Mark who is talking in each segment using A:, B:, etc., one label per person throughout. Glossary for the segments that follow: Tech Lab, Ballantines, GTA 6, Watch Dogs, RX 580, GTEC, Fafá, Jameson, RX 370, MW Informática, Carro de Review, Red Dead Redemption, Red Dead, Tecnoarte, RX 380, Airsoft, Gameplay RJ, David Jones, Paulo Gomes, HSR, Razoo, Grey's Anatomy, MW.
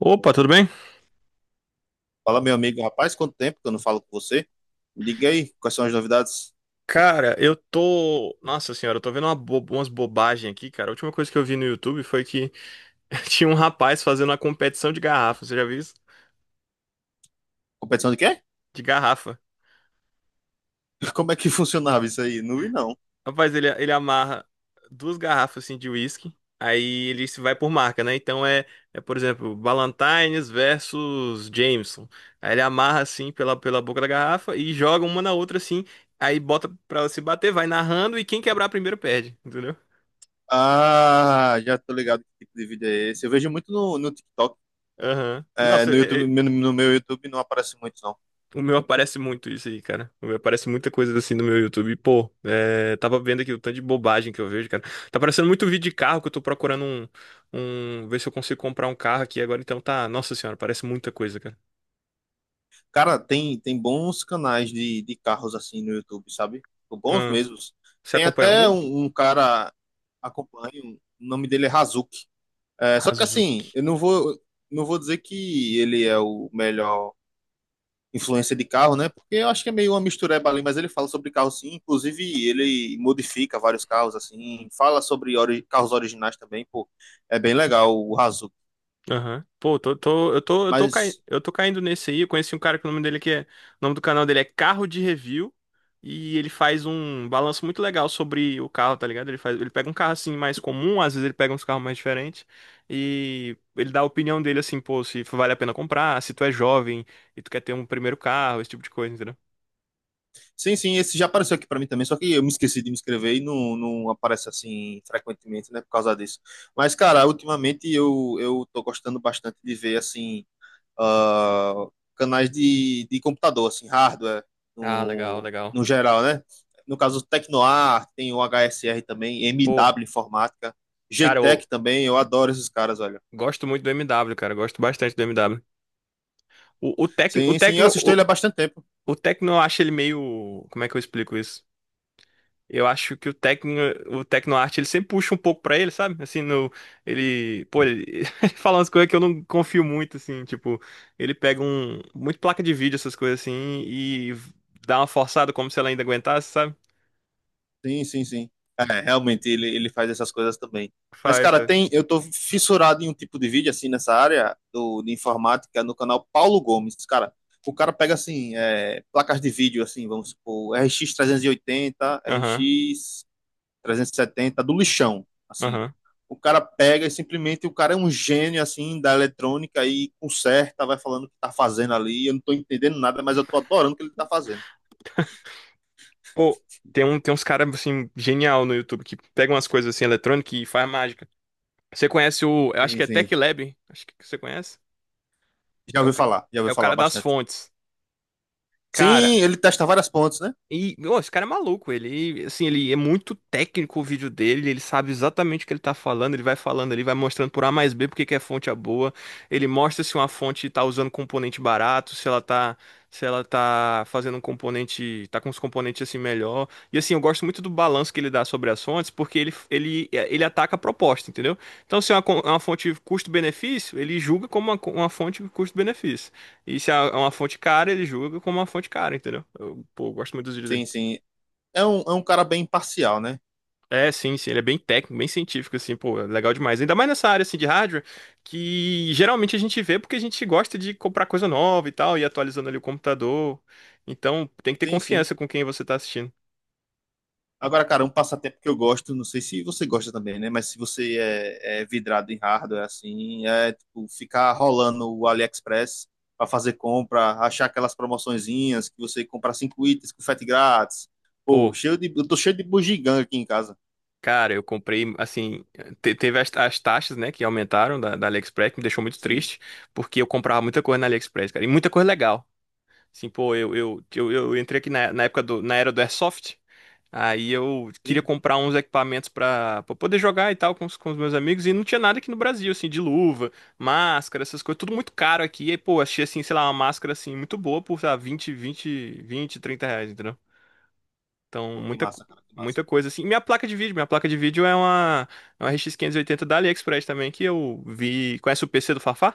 A: Opa, tudo bem?
B: Fala, meu amigo, rapaz, quanto tempo que eu não falo com você? Me diga aí, quais são as novidades?
A: Cara, eu tô. Nossa senhora, eu tô vendo umas bobagens aqui, cara. A última coisa que eu vi no YouTube foi que tinha um rapaz fazendo uma competição de garrafa. Você já viu isso?
B: Competição de quê?
A: De garrafa.
B: Como é que funcionava isso aí? Não vi, não.
A: Rapaz, ele amarra duas garrafas assim de uísque. Aí ele se vai por marca, né? Então por exemplo, Ballantines versus Jameson. Aí ele amarra assim pela boca da garrafa e joga uma na outra assim. Aí bota pra ela se bater, vai narrando e quem quebrar primeiro perde, entendeu?
B: Ah, já tô ligado que tipo de vídeo é esse. Eu vejo muito no TikTok.
A: Aham.
B: É,
A: Nossa.
B: no YouTube, no meu YouTube não aparece muito, não.
A: O meu aparece muito isso aí, cara. O meu aparece muita coisa assim no meu YouTube. Pô, é, tava vendo aqui o tanto de bobagem que eu vejo, cara. Tá aparecendo muito vídeo de carro que eu tô procurando ver se eu consigo comprar um carro aqui agora. Então tá, nossa senhora, parece muita coisa, cara.
B: Cara, tem bons canais de carros assim no YouTube, sabe? Bons
A: Ah,
B: mesmos.
A: você
B: Tem
A: acompanha
B: até
A: algum?
B: um cara, acompanho, o nome dele é Razuki. É, só que
A: Arrasou.
B: assim, eu não vou, não vou dizer que ele é o melhor influência de carro, né? Porque eu acho que é meio uma mistureba ali, mas ele fala sobre carro sim, inclusive ele modifica vários carros assim, fala sobre carros originais também, pô. É bem legal o Razoo.
A: Aham. Pô, tô, tô, eu tô,
B: Mas
A: eu tô caindo nesse aí. Eu conheci um cara que o nome dele que é, o nome do canal dele é Carro de Review e ele faz um balanço muito legal sobre o carro, tá ligado? Ele faz, ele pega um carro assim mais comum, às vezes ele pega uns carros mais diferentes e ele dá a opinião dele assim, pô, se vale a pena comprar, se tu é jovem e tu quer ter um primeiro carro, esse tipo de coisa, entendeu?
B: sim, esse já apareceu aqui pra mim também, só que eu me esqueci de me inscrever e não aparece assim frequentemente, né, por causa disso. Mas cara, ultimamente eu tô gostando bastante de ver assim ah, canais de computador, assim, hardware,
A: Ah, legal, legal.
B: no geral, né? No caso, o Tecnoar, tem o HSR também,
A: Pô,
B: MW Informática, g
A: cara, eu
B: GTEC também, eu adoro esses caras, olha.
A: gosto muito do MW, cara, eu gosto bastante do MW. O, o Tecno, o
B: Sim, sim, eu
A: Tecno,
B: assisto
A: o,
B: ele há bastante tempo.
A: o Tecno eu acho ele meio, como é que eu explico isso? Eu acho que o Tecnoarte, ele sempre puxa um pouco pra ele, sabe? Assim, no, ele, pô, ele ele fala umas coisas que eu não confio muito, assim, tipo, ele pega muito placa de vídeo, essas coisas assim, e dá uma forçada como se ela ainda aguentasse, sabe?
B: Sim, sim, sim. É, realmente, ele faz essas coisas também. Mas,
A: Faz,
B: cara,
A: faz.
B: tem, eu tô fissurado em um tipo de vídeo, assim, nessa área de informática, no canal Paulo Gomes, cara. O cara pega, assim, é, placas de vídeo, assim, vamos supor, RX 380,
A: Aham,
B: RX trezentos e setenta do lixão, assim.
A: aham.
B: O cara pega e simplesmente o cara é um gênio assim da eletrônica e conserta, vai falando o que tá fazendo ali. Eu não tô entendendo nada, mas eu tô adorando o que ele tá fazendo.
A: Pô, tem uns caras, assim, genial no YouTube que pegam umas coisas, assim, eletrônicas e faz mágica. Você conhece o, eu acho
B: Sim,
A: que é
B: sim.
A: Tech Lab, acho que você conhece? É o, ca-
B: Já
A: É
B: ouvi
A: o
B: falar
A: cara das
B: bastante.
A: fontes. Cara,
B: Sim, ele testa várias pontes, né?
A: E, meu, esse cara é maluco, ele, assim, ele é muito técnico o vídeo dele, ele sabe exatamente o que ele tá falando, ele vai falando ali, vai mostrando por A mais B porque que a fonte é boa, ele mostra se uma fonte tá usando componente barato, se ela tá, se ela tá fazendo um componente, tá com os componentes assim melhor. E assim, eu gosto muito do balanço que ele dá sobre as fontes, porque ele ataca a proposta, entendeu? Então, se é é uma fonte custo-benefício, ele julga como uma fonte custo-benefício. E se é uma fonte cara, ele julga como uma fonte cara, entendeu? Eu, pô, eu gosto muito dos vídeos
B: Sim,
A: dele.
B: sim. É um cara bem imparcial, né?
A: É, sim, sim, ele é bem técnico, bem científico, assim, pô, é legal demais. Ainda mais nessa área, assim, de hardware, que geralmente a gente vê porque a gente gosta de comprar coisa nova e tal, e atualizando ali o computador. Então, tem que ter
B: Sim, sim.
A: confiança com quem você tá assistindo.
B: Agora, cara, um passatempo que eu gosto, não sei se você gosta também, né? Mas se você é vidrado em hardware, assim, é tipo, ficar rolando o AliExpress para fazer compra, achar aquelas promoçõezinhas que você compra cinco itens com frete grátis. Pô,
A: Pô,
B: eu tô cheio de bugiganga aqui em casa.
A: cara, eu comprei, assim, teve as taxas, né, que aumentaram da AliExpress, que me deixou muito
B: Sim,
A: triste, porque eu comprava muita coisa na AliExpress, cara, e muita coisa legal. Assim, pô, eu entrei aqui na era do Airsoft. Aí eu queria
B: sim.
A: comprar uns equipamentos pra poder jogar e tal com os meus amigos. E não tinha nada aqui no Brasil, assim, de luva, máscara, essas coisas, tudo muito caro aqui. E, pô, achei, assim, sei lá, uma máscara, assim, muito boa por, sei lá, 20 20 20, R$ 30, entendeu? Então,
B: Pô, que massa, cara, que massa.
A: muita coisa, assim. E minha placa de vídeo, minha placa de vídeo é uma RX 580 da AliExpress também, que eu vi. Conhece o PC do Fafá?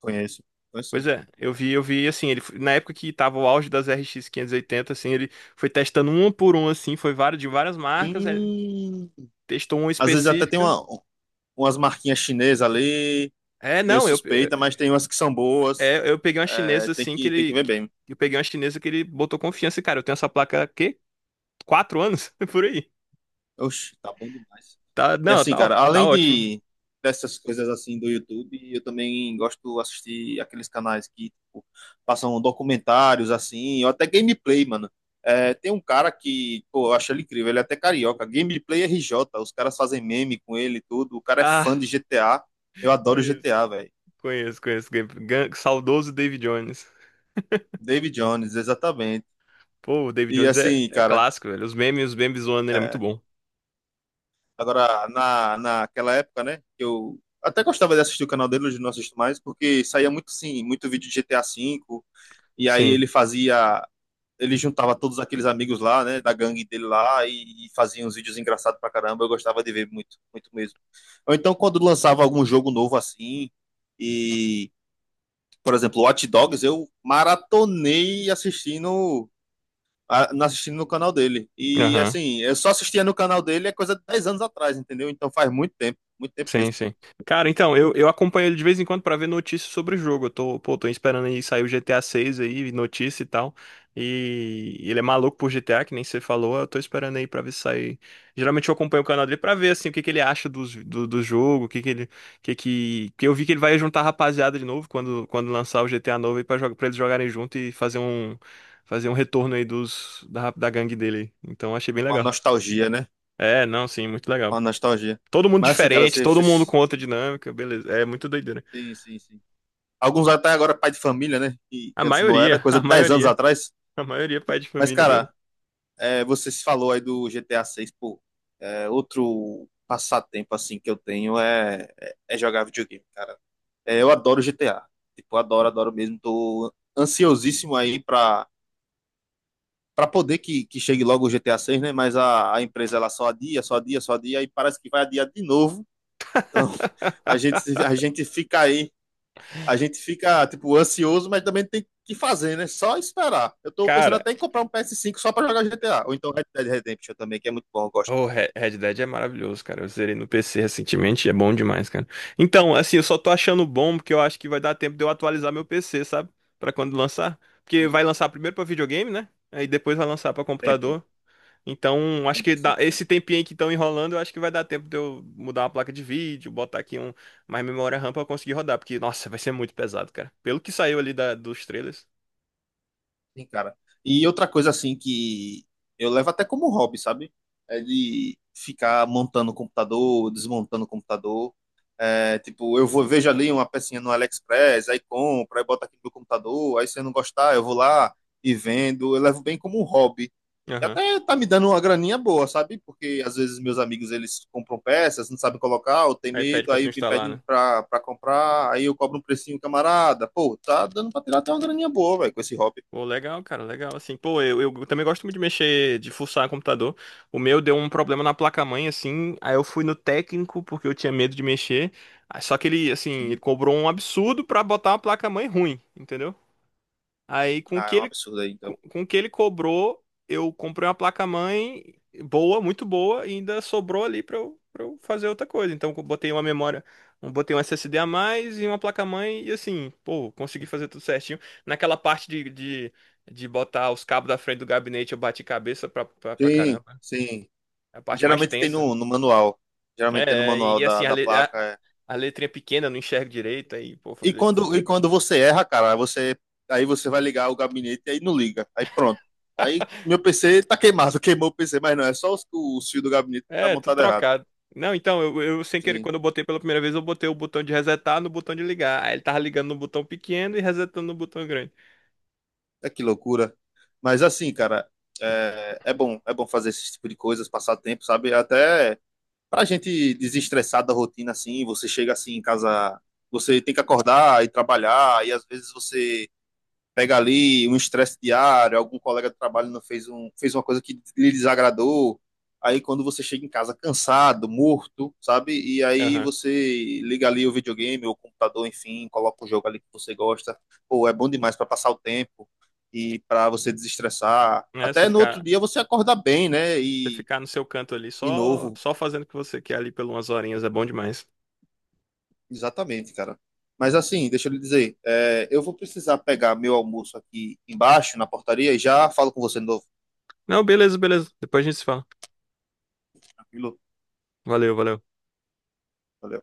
B: Conheço, conheço
A: Pois
B: sim.
A: é, eu vi assim, ele na época que tava o auge das RX 580, assim, ele foi testando um por um assim, foi vários de várias marcas, ele
B: Sim.
A: testou uma
B: Às vezes até tem
A: específica.
B: umas marquinhas chinesas ali,
A: É,
B: meio
A: não,
B: suspeita, mas tem umas que são boas.
A: eu peguei uma
B: É,
A: chinesa assim que
B: tem que
A: ele.
B: ver bem.
A: Eu peguei uma chinesa que ele botou confiança, e, cara. Eu tenho essa placa há quê? 4 anos? Por aí.
B: Oxe, tá bom demais.
A: Tá,
B: E
A: não,
B: assim, cara,
A: tá
B: além
A: ótimo.
B: de dessas coisas assim do YouTube, eu também gosto de assistir aqueles canais que tipo, passam documentários assim, ou até gameplay, mano. É, tem um cara que, pô, eu acho ele incrível, ele é até carioca, Gameplay RJ, os caras fazem meme com ele e tudo, o cara é fã
A: Ah,
B: de GTA, eu adoro
A: conheço.
B: GTA, velho.
A: Conheço, conheço. Saudoso David Jones.
B: David Jones, exatamente.
A: Pô, o David
B: E
A: Jones é,
B: assim,
A: é
B: cara,
A: clássico, velho. Os memes zoando ele é muito
B: é,
A: bom.
B: agora, naquela época, né, eu até gostava de assistir o canal dele, hoje não assisto mais, porque saía muito, sim, muito vídeo de GTA V, e aí
A: Sim.
B: ele juntava todos aqueles amigos lá, né, da gangue dele lá, e fazia uns vídeos engraçados pra caramba, eu gostava de ver muito, muito mesmo. Ou então, quando lançava algum jogo novo assim, e, por exemplo, Watch Dogs, eu maratonei assistindo assistindo no canal dele. E
A: Aham.
B: assim, eu só assistia no canal dele é coisa de 10 anos atrás, entendeu? Então faz muito tempo
A: Sim,
B: mesmo.
A: sim. Cara, então, eu acompanho ele de vez em quando pra ver notícias sobre o jogo. Pô, tô esperando aí sair o GTA 6 aí, notícia e tal. E ele é maluco por GTA, que nem você falou. Eu tô esperando aí pra ver se sair. Geralmente eu acompanho o canal dele pra ver, assim, o que que ele acha do jogo, o que que ele. Que eu vi que ele vai juntar a rapaziada de novo quando lançar o GTA novo aí pra eles jogarem junto e fazer um retorno aí da gangue dele. Então, achei bem
B: Uma
A: legal.
B: nostalgia, né?
A: É, não, sim, muito legal.
B: Uma nostalgia.
A: Todo mundo
B: Mas assim, cara,
A: diferente, todo mundo com outra dinâmica, beleza. É muito doideira.
B: sim, sim, sim. Alguns até agora pai de família, né? Que
A: A
B: que antes não era,
A: maioria,
B: coisa de 10 anos atrás.
A: a maioria é pai de
B: Mas,
A: família agora.
B: cara, é, você se falou aí do GTA 6 pô. É, outro passatempo, assim, que eu tenho é jogar videogame, cara. É, eu adoro GTA. Tipo, eu adoro, adoro mesmo. Tô ansiosíssimo aí pra para poder que chegue logo o GTA 6, né? Mas a empresa ela só adia, só adia, só adia, e parece que vai adiar de novo. Então a gente fica aí, a gente fica tipo ansioso, mas também tem que fazer, né? Só esperar. Eu tô pensando
A: Cara,
B: até em comprar um PS5 só para jogar GTA, ou então Red Dead Redemption também, que é muito bom, eu gosto.
A: o Red Dead é maravilhoso, cara. Eu zerei no PC recentemente, e é bom demais, cara. Então, assim, eu só tô achando bom porque eu acho que vai dar tempo de eu atualizar meu PC, sabe? Pra quando lançar. Porque vai
B: Sim,
A: lançar primeiro pra videogame, né? Aí depois vai lançar pra
B: sempre,
A: computador. Então, acho que
B: sempre, sempre,
A: esse
B: sempre.
A: tempinho aí que estão enrolando, eu acho que vai dar tempo de eu mudar uma placa de vídeo, botar aqui um mais memória RAM pra eu conseguir rodar, porque, nossa, vai ser muito pesado, cara. Pelo que saiu ali dos trailers.
B: Sim, cara. E outra coisa assim que eu levo até como hobby, sabe? É de ficar montando o computador, desmontando o computador. É, tipo, eu vou vejo ali uma pecinha no AliExpress, aí compro, aí boto aqui no meu computador, aí se eu não gostar, eu vou lá e vendo, eu levo bem como um hobby. E
A: Aham.
B: até tá me dando uma graninha boa, sabe? Porque às vezes meus amigos eles compram peças, não sabem colocar, ou tem
A: Aí pede
B: medo,
A: pra tu
B: aí me
A: instalar,
B: pedem
A: né?
B: pra comprar, aí eu cobro um precinho, camarada. Pô, tá dando pra tirar até uma graninha boa, velho, com esse hobby.
A: Pô, legal, cara, legal. Assim, pô, eu também gosto muito de mexer, de fuçar computador. O meu deu um problema na placa-mãe, assim. Aí eu fui no técnico, porque eu tinha medo de mexer. Ah, só que ele, assim, ele
B: Sim.
A: cobrou um absurdo pra botar uma placa-mãe ruim, entendeu? Aí
B: Ah, é um absurdo aí, então.
A: com o que ele cobrou, eu comprei uma placa-mãe boa, muito boa, e ainda sobrou ali para eu fazer outra coisa. Então eu botei uma memória, eu botei um SSD a mais e uma placa-mãe e assim, pô, consegui fazer tudo certinho. Naquela parte de botar os cabos da frente do gabinete, eu bati cabeça pra
B: Sim,
A: caramba.
B: sim.
A: É a parte mais
B: Geralmente tem
A: tensa.
B: no manual. Geralmente tem no
A: É, é,
B: manual
A: e assim, a,
B: da
A: le- a,
B: placa é,
A: a letrinha pequena, eu não enxergo direito, aí, pô, foi
B: e
A: doido.
B: quando você erra, cara, você, aí você vai ligar o gabinete e aí não liga. Aí pronto. Aí meu PC tá queimado, queimou o PC, mas não, é só o fio do gabinete que tá
A: É, tudo
B: montado errado.
A: trocado. Não, então, eu sem querer,
B: Sim,
A: quando eu botei pela primeira vez, eu botei o botão de resetar no botão de ligar. Aí ele tava ligando no botão pequeno e resetando no botão grande.
B: é que loucura. Mas assim, cara, é bom fazer esse tipo de coisas, passar tempo, sabe? Até pra gente desestressar da rotina assim, você chega assim em casa, você tem que acordar e trabalhar, e às vezes você pega ali um estresse diário, algum colega de trabalho não fez, fez uma coisa que lhe desagradou. Aí quando você chega em casa cansado, morto, sabe? E aí
A: Aham.
B: você liga ali o videogame ou o computador, enfim, coloca o jogo ali que você gosta. Pô, é bom demais para passar o tempo e para você desestressar.
A: É, você
B: Até no outro
A: ficar,
B: dia você acorda bem, né?
A: no seu canto ali,
B: E
A: só,
B: novo.
A: só fazendo o que você quer ali por umas horinhas, é bom demais.
B: Exatamente, cara. Mas assim, deixa eu lhe dizer, é, eu vou precisar pegar meu almoço aqui embaixo, na portaria, e já falo com você de novo,
A: Não, beleza, beleza. Depois a gente se fala.
B: tranquilo?
A: Valeu, valeu.
B: Valeu.